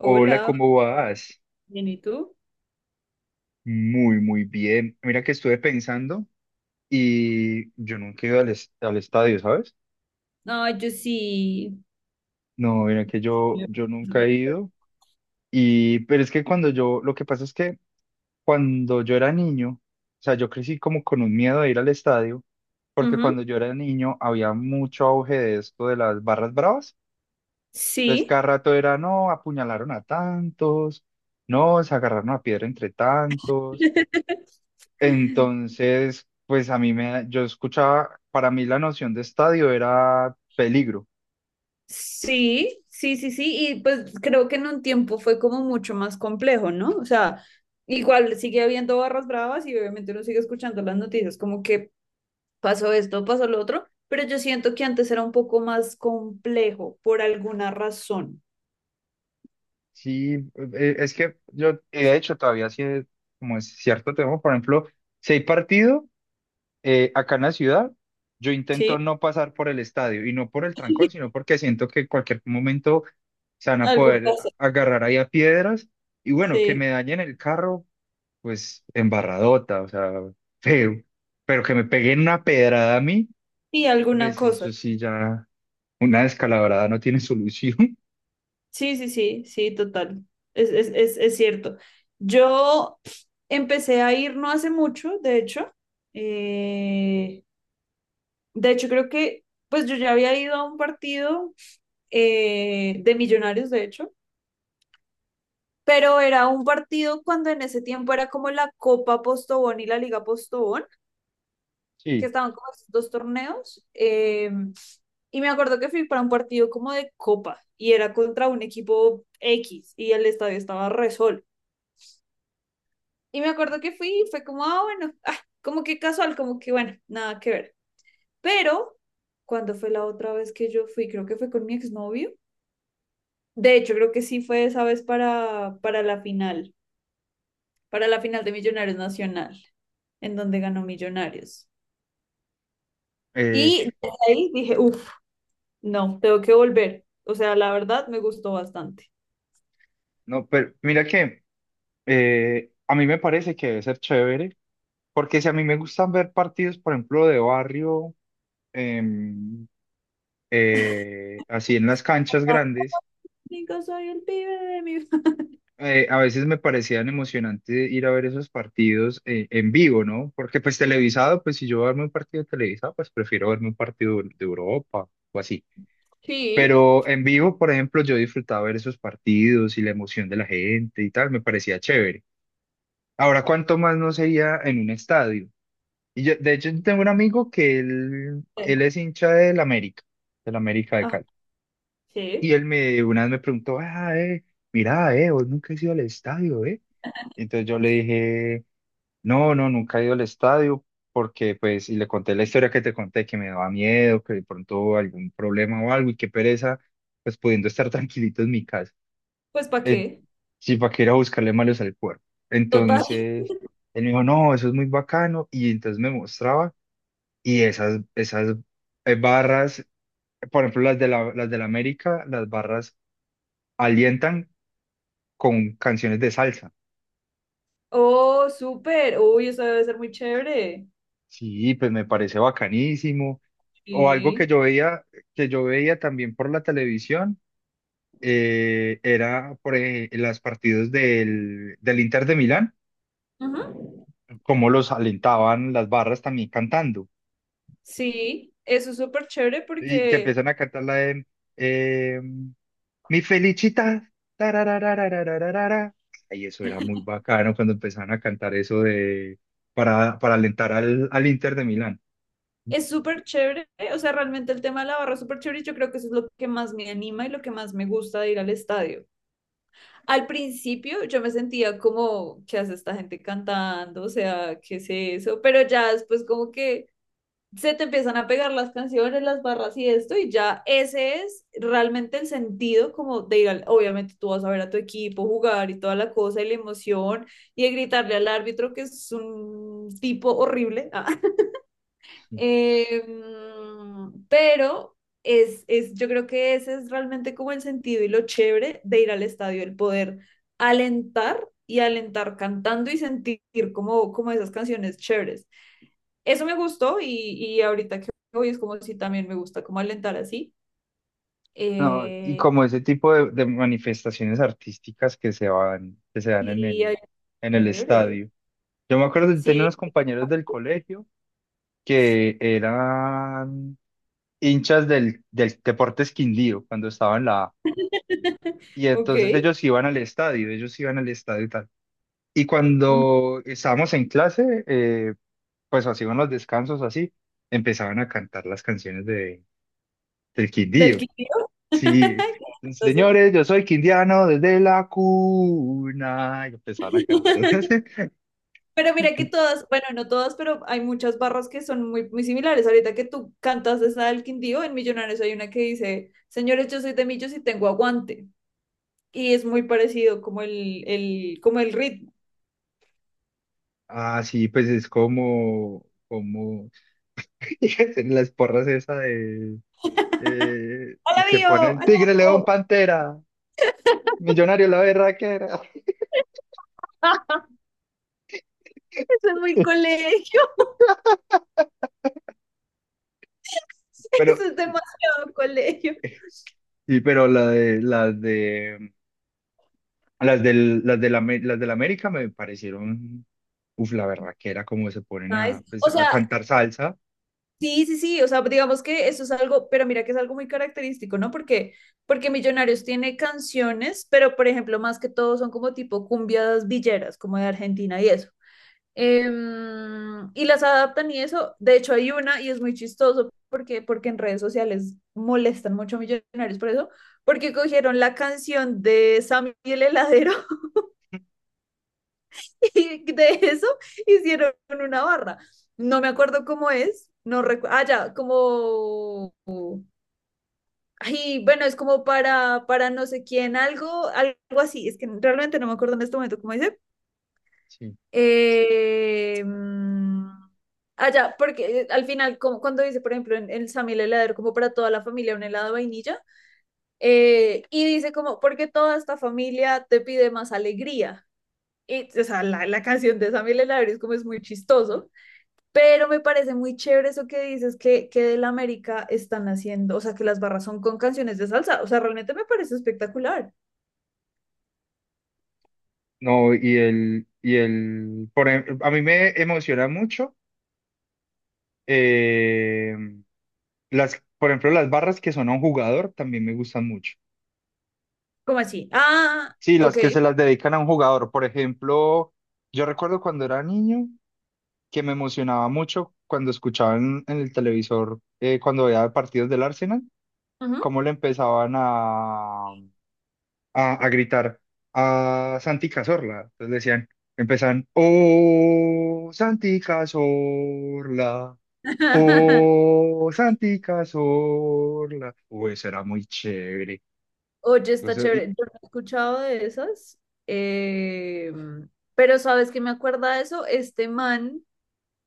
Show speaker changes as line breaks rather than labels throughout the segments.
Hola, ¿cómo vas?
bien, ¿y tú?
Muy, muy bien. Mira que estuve pensando y yo nunca he ido al, al estadio, ¿sabes?
No, yo sí.
No, mira que yo,
Sí,
yo nunca
súper
he
chévere.
ido. Pero es que cuando yo, lo que pasa es que cuando yo era niño, o sea, yo crecí como con un miedo de ir al estadio, porque cuando
Ujú,
yo era niño había mucho auge de esto de las barras bravas. Entonces cada
sí.
rato era, no, apuñalaron a tantos, no, se agarraron a piedra entre tantos. Entonces, pues a mí me, yo escuchaba, para mí la noción de estadio era peligro.
Sí, sí, sí, sí. Y pues creo que en un tiempo fue como mucho más complejo, ¿no? O sea, igual sigue habiendo barras bravas y obviamente uno sigue escuchando las noticias como que pasó esto, pasó lo otro, pero yo siento que antes era un poco más complejo por alguna razón,
Sí, es que yo, de hecho, todavía sí, como es cierto tema, por ejemplo, si hay partido acá en la ciudad, yo intento
¿sí?
no pasar por el estadio y no por el trancón, sino porque siento que en cualquier momento se van a
Algo
poder
pasa,
agarrar ahí a piedras y bueno, que
sí.
me dañen el carro, pues embarradota, o sea, feo, pero que me peguen una pedrada a mí.
Y alguna
Pues
cosa.
eso sí, ya una descalabrada no tiene solución.
Sí, sí, sí, sí, total. Es cierto. Yo empecé a ir no hace mucho, de hecho. Eh, de hecho, creo que, pues yo ya había ido a un partido de Millonarios, de hecho, pero era un partido cuando en ese tiempo era como la Copa Postobón y la Liga Postobón, que
Sí,
estaban como esos dos torneos. Y me acuerdo que fui para un partido como de Copa y era contra un equipo X y el estadio estaba. Re Y me acuerdo que fui y fue como, ah, bueno, ah, como que casual, como que bueno, nada que ver. Pero cuando fue la otra vez que yo fui, creo que fue con mi exnovio. De hecho, creo que sí fue esa vez para, para la final de Millonarios Nacional, en donde ganó Millonarios.
eh,
Y desde ahí dije, uff, no, tengo que volver. O sea, la verdad me gustó bastante.
no, pero mira que a mí me parece que debe ser chévere, porque si a mí me gustan ver partidos, por ejemplo, de barrio, em, así en las canchas grandes,
Digo, soy el pibe de mi.
a veces me parecían emocionante ir a ver esos partidos en vivo, ¿no? Porque pues televisado, pues si yo voy a verme un partido televisado, pues prefiero verme un partido de Europa o así.
Sí.
Pero en vivo, por ejemplo, yo disfrutaba ver esos partidos y la emoción de la gente y tal, me parecía chévere. Ahora, ¿cuánto más no sería en un estadio? Y yo, de hecho, yo tengo un amigo que él es hincha del América de
Ajá,
Cali. Y
sí.
él me, una vez me preguntó, ah, mira, vos nunca has ido al estadio, eh. Entonces yo le dije, no, no, nunca he ido al estadio, porque pues, y le conté la historia que te conté, que me daba miedo, que de pronto algún problema o algo, y qué pereza, pues pudiendo estar tranquilito en mi casa.
Pues, ¿para
eh,
qué?
sí, para que ir a buscarle malos al cuerpo.
Total.
Entonces, él me dijo, no, eso es muy bacano. Y entonces me mostraba y esas barras, por ejemplo, las de la América, las barras alientan con canciones de salsa.
Oh, súper. Uy, eso debe ser muy chévere.
Sí, pues me parece bacanísimo. O algo
Sí.
que yo veía también por la televisión, era por las partidos del, del Inter de Milán,
Ujú.
cómo los alentaban las barras también cantando.
Sí, eso es súper chévere
Y que
porque
empiezan a cantarla de eh, Mi Felicita. Tarararararararara. Ay, eso era muy bacano cuando empezaron a cantar eso de para alentar al, al Inter de Milán.
es súper chévere, o sea, realmente el tema de la barra es súper chévere y yo creo que eso es lo que más me anima y lo que más me gusta de ir al estadio. Al principio yo me sentía como, ¿qué hace esta gente cantando? O sea, ¿qué es eso? Pero ya después como que se te empiezan a pegar las canciones, las barras y esto, y ya ese es realmente el sentido como de ir al, obviamente tú vas a ver a tu equipo jugar y toda la cosa y la emoción y de gritarle al árbitro que es un tipo horrible, ah,
Sí.
eh, pero yo creo que ese es realmente como el sentido y lo chévere de ir al estadio, el poder alentar y alentar cantando y sentir como esas canciones chéveres eso me gustó y ahorita que voy es como si también me gusta como alentar así.
No, y
Eh,
como ese tipo de manifestaciones artísticas que se van, que se dan
y ay,
en el
chévere.
estadio. Yo me acuerdo de tener
Sí,
unos compañeros del colegio que eran hinchas del, del Deportes Quindío cuando estaba en la A. Y
ok.
entonces ellos iban al estadio, ellos iban al estadio y tal. Y
Mm.
cuando estábamos en clase, pues así iban los descansos, así, empezaban a cantar las canciones de, del
Del
Quindío.
Quindío.
Sí,
Qué chistoso.
señores, yo soy quindiano desde la cuna. Y empezaban a cantarlas.
Pero mira que todas, bueno, no todas, pero hay muchas barras que son muy, muy similares. Ahorita que tú cantas esa del Quindío, en Millonarios hay una que dice, señores, yo soy de Millos y tengo aguante. Y es muy parecido como como el ritmo.
Ah, sí, pues es como, como en las porras esa de eh,
¡Hola,
que
Bio!
ponen Tigre, León,
¡Aló!
Pantera, Millonario la berraquera.
Eso es muy colegio,
Pero
eso es demasiado colegio.
sí, pero la de, las del, las de la, las de la América me parecieron, uf, la berraquera, como se ponen a,
Nice.
pues,
O
a
sea,
cantar salsa.
sí, sí, sí, o sea, digamos que eso es algo, pero mira que es algo muy característico, ¿no? Porque Millonarios tiene canciones, pero por ejemplo, más que todo son como tipo cumbias villeras, como de Argentina y eso. Y las adaptan y eso, de hecho hay una y es muy chistoso porque, en redes sociales molestan mucho a Millonarios por eso, porque cogieron la canción de Sammy el heladero. Y de eso hicieron una barra. No me acuerdo cómo es, no recuerdo. Ah, ya, como. Ay, bueno, es como para, no sé quién, algo así. Es que realmente no me acuerdo en este momento cómo dice.
Sí.
Eh, mm, ah, ya, porque al final, como cuando dice, por ejemplo, en Sammy el heladero, como para toda la familia, un helado de vainilla, y dice como, porque toda esta familia te pide más alegría. Y, o sea, la canción de Sammy el heladero es como es muy chistoso. Pero me parece muy chévere eso que dices, que del América están haciendo, o sea, que las barras son con canciones de salsa, o sea, realmente me parece espectacular.
No, y el, por ejemplo, a mí me emociona mucho, eh, las, por ejemplo, las barras que son a un jugador también me gustan mucho.
¿Cómo así? Ah,
Sí, las
ok.
que se las dedican a un jugador. Por ejemplo, yo recuerdo cuando era niño que me emocionaba mucho cuando escuchaba en el televisor, cuando veía partidos del Arsenal
Ujú.
cómo le empezaban a gritar a Santi Cazorla. Entonces le decían, empezaban, oh, Santi Cazorla, oh, Santi Cazorla. Uy, eso era muy chévere.
Oye, está
Entonces,
chévere. Yo no he escuchado de esas, eh, pero ¿sabes qué me acuerda de eso? Este man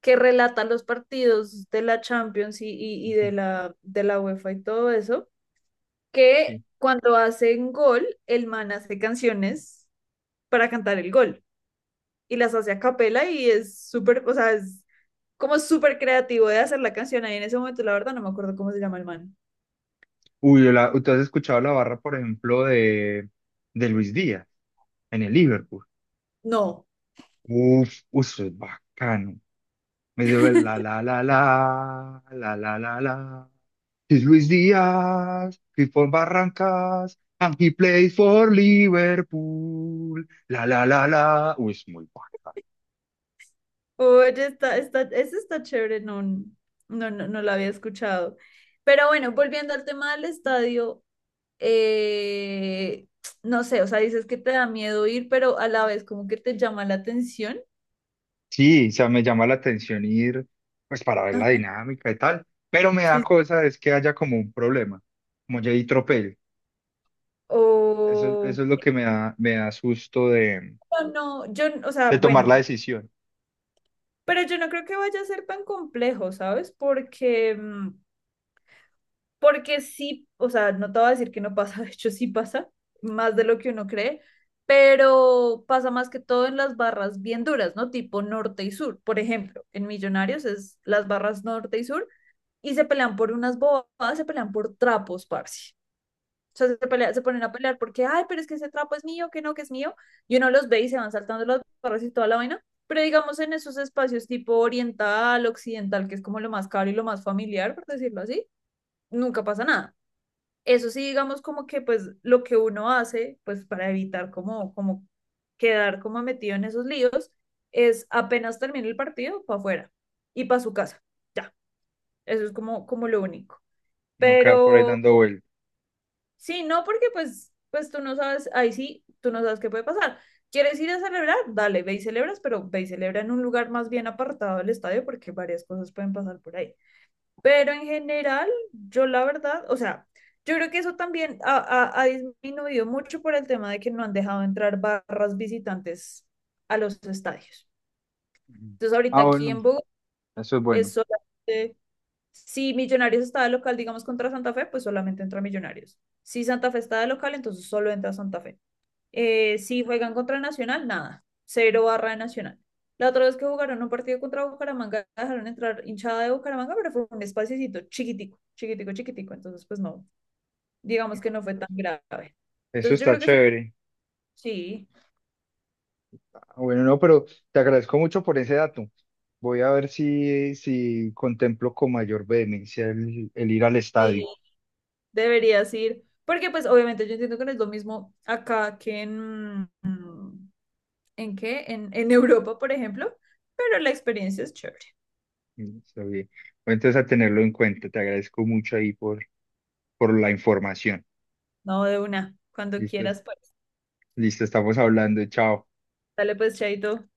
que relata los partidos de la Champions y de la UEFA y todo eso, que
sí.
cuando hacen gol, el man hace canciones para cantar el gol. Y las hace a capela y es súper, o sea, es como súper creativo de hacer la canción ahí en ese momento, la verdad no me acuerdo cómo se llama el man.
Uy, yo la, ¿tú has escuchado la barra, por ejemplo, de Luis Díaz en el Liverpool?
No.
Uf, uf, eso es bacano. Me dice, la la la la la la la la la. He's Luis Díaz, he's for Barrancas, and he plays for Liverpool. La la la la. Uy, es muy guapa.
Oye, está, ese está chévere, no, no, no, no lo había escuchado. Pero bueno, volviendo al tema del estadio, eh, no sé, o sea, dices que te da miedo ir, pero a la vez como que te llama la atención.
Sí, o sea, me llama la atención ir, pues para ver la
Ajá,
dinámica y tal. Pero me
sí.
da
Sí.
cosa es que haya como un problema, como Jay Tropel. Eso,
O
eso es lo que me da susto
no, no, yo, o sea,
de tomar la
bueno,
decisión,
pero yo no creo que vaya a ser tan complejo, ¿sabes? Porque sí, o sea, no te voy a decir que no pasa, de hecho sí pasa, más de lo que uno cree, pero pasa más que todo en las barras bien duras, ¿no? Tipo norte y sur, por ejemplo, en Millonarios es las barras norte y sur y se pelean por unas bobadas, se pelean por trapos, parce. O sea, se ponen a pelear porque, ay, pero es que ese trapo es mío, que no, que es mío. Y uno los ve y se van saltando las barras y toda la vaina. Pero digamos en esos espacios tipo oriental, occidental, que es como lo más caro y lo más familiar, por decirlo así, nunca pasa nada. Eso sí, digamos como que pues lo que uno hace, pues para evitar como quedar como metido en esos líos, es apenas termina el partido, para afuera y para su casa. Ya, eso es como lo único.
no quedar por ahí
Pero
dando vueltas.
sí, no, porque pues, tú no sabes, ahí sí, tú no sabes qué puede pasar. ¿Quieres ir a celebrar? Dale, ve y celebras, pero ve y celebra en un lugar más bien apartado del estadio porque varias cosas pueden pasar por ahí. Pero en general, yo la verdad, o sea, yo creo que eso también ha disminuido mucho por el tema de que no han dejado entrar barras visitantes a los estadios.
Ujú.
Entonces, ahorita
Ah,
aquí en
bueno,
Bogotá
eso es
es
bueno.
solamente, si Millonarios está de local, digamos, contra Santa Fe, pues solamente entra Millonarios. Si Santa Fe está de local, entonces solo entra Santa Fe. Si juegan contra Nacional, nada. Cero barra de Nacional. La otra vez que jugaron un partido contra Bucaramanga, dejaron entrar hinchada de Bucaramanga, pero fue un espaciocito chiquitico, chiquitico, chiquitico. Entonces, pues no, digamos que
Ah,
no fue tan grave.
eso eso
Entonces, yo
está
creo que eso
chévere.
sí,
Ah, bueno, no, pero te agradezco mucho por ese dato. Voy a ver si, si contemplo con mayor vehemencia el ir al
sí,
estadio.
deberías ir. Porque, pues, obviamente, yo entiendo que no es lo mismo acá que en. ¿En qué? En Europa, por ejemplo. Pero la experiencia es chévere.
Mm, está bien. Voy entonces a tenerlo en cuenta. Te agradezco mucho ahí por la información.
No, de una, cuando
Listo,
quieras, pues.
listo, estamos hablando. Chao.
Dale, pues, Chaito.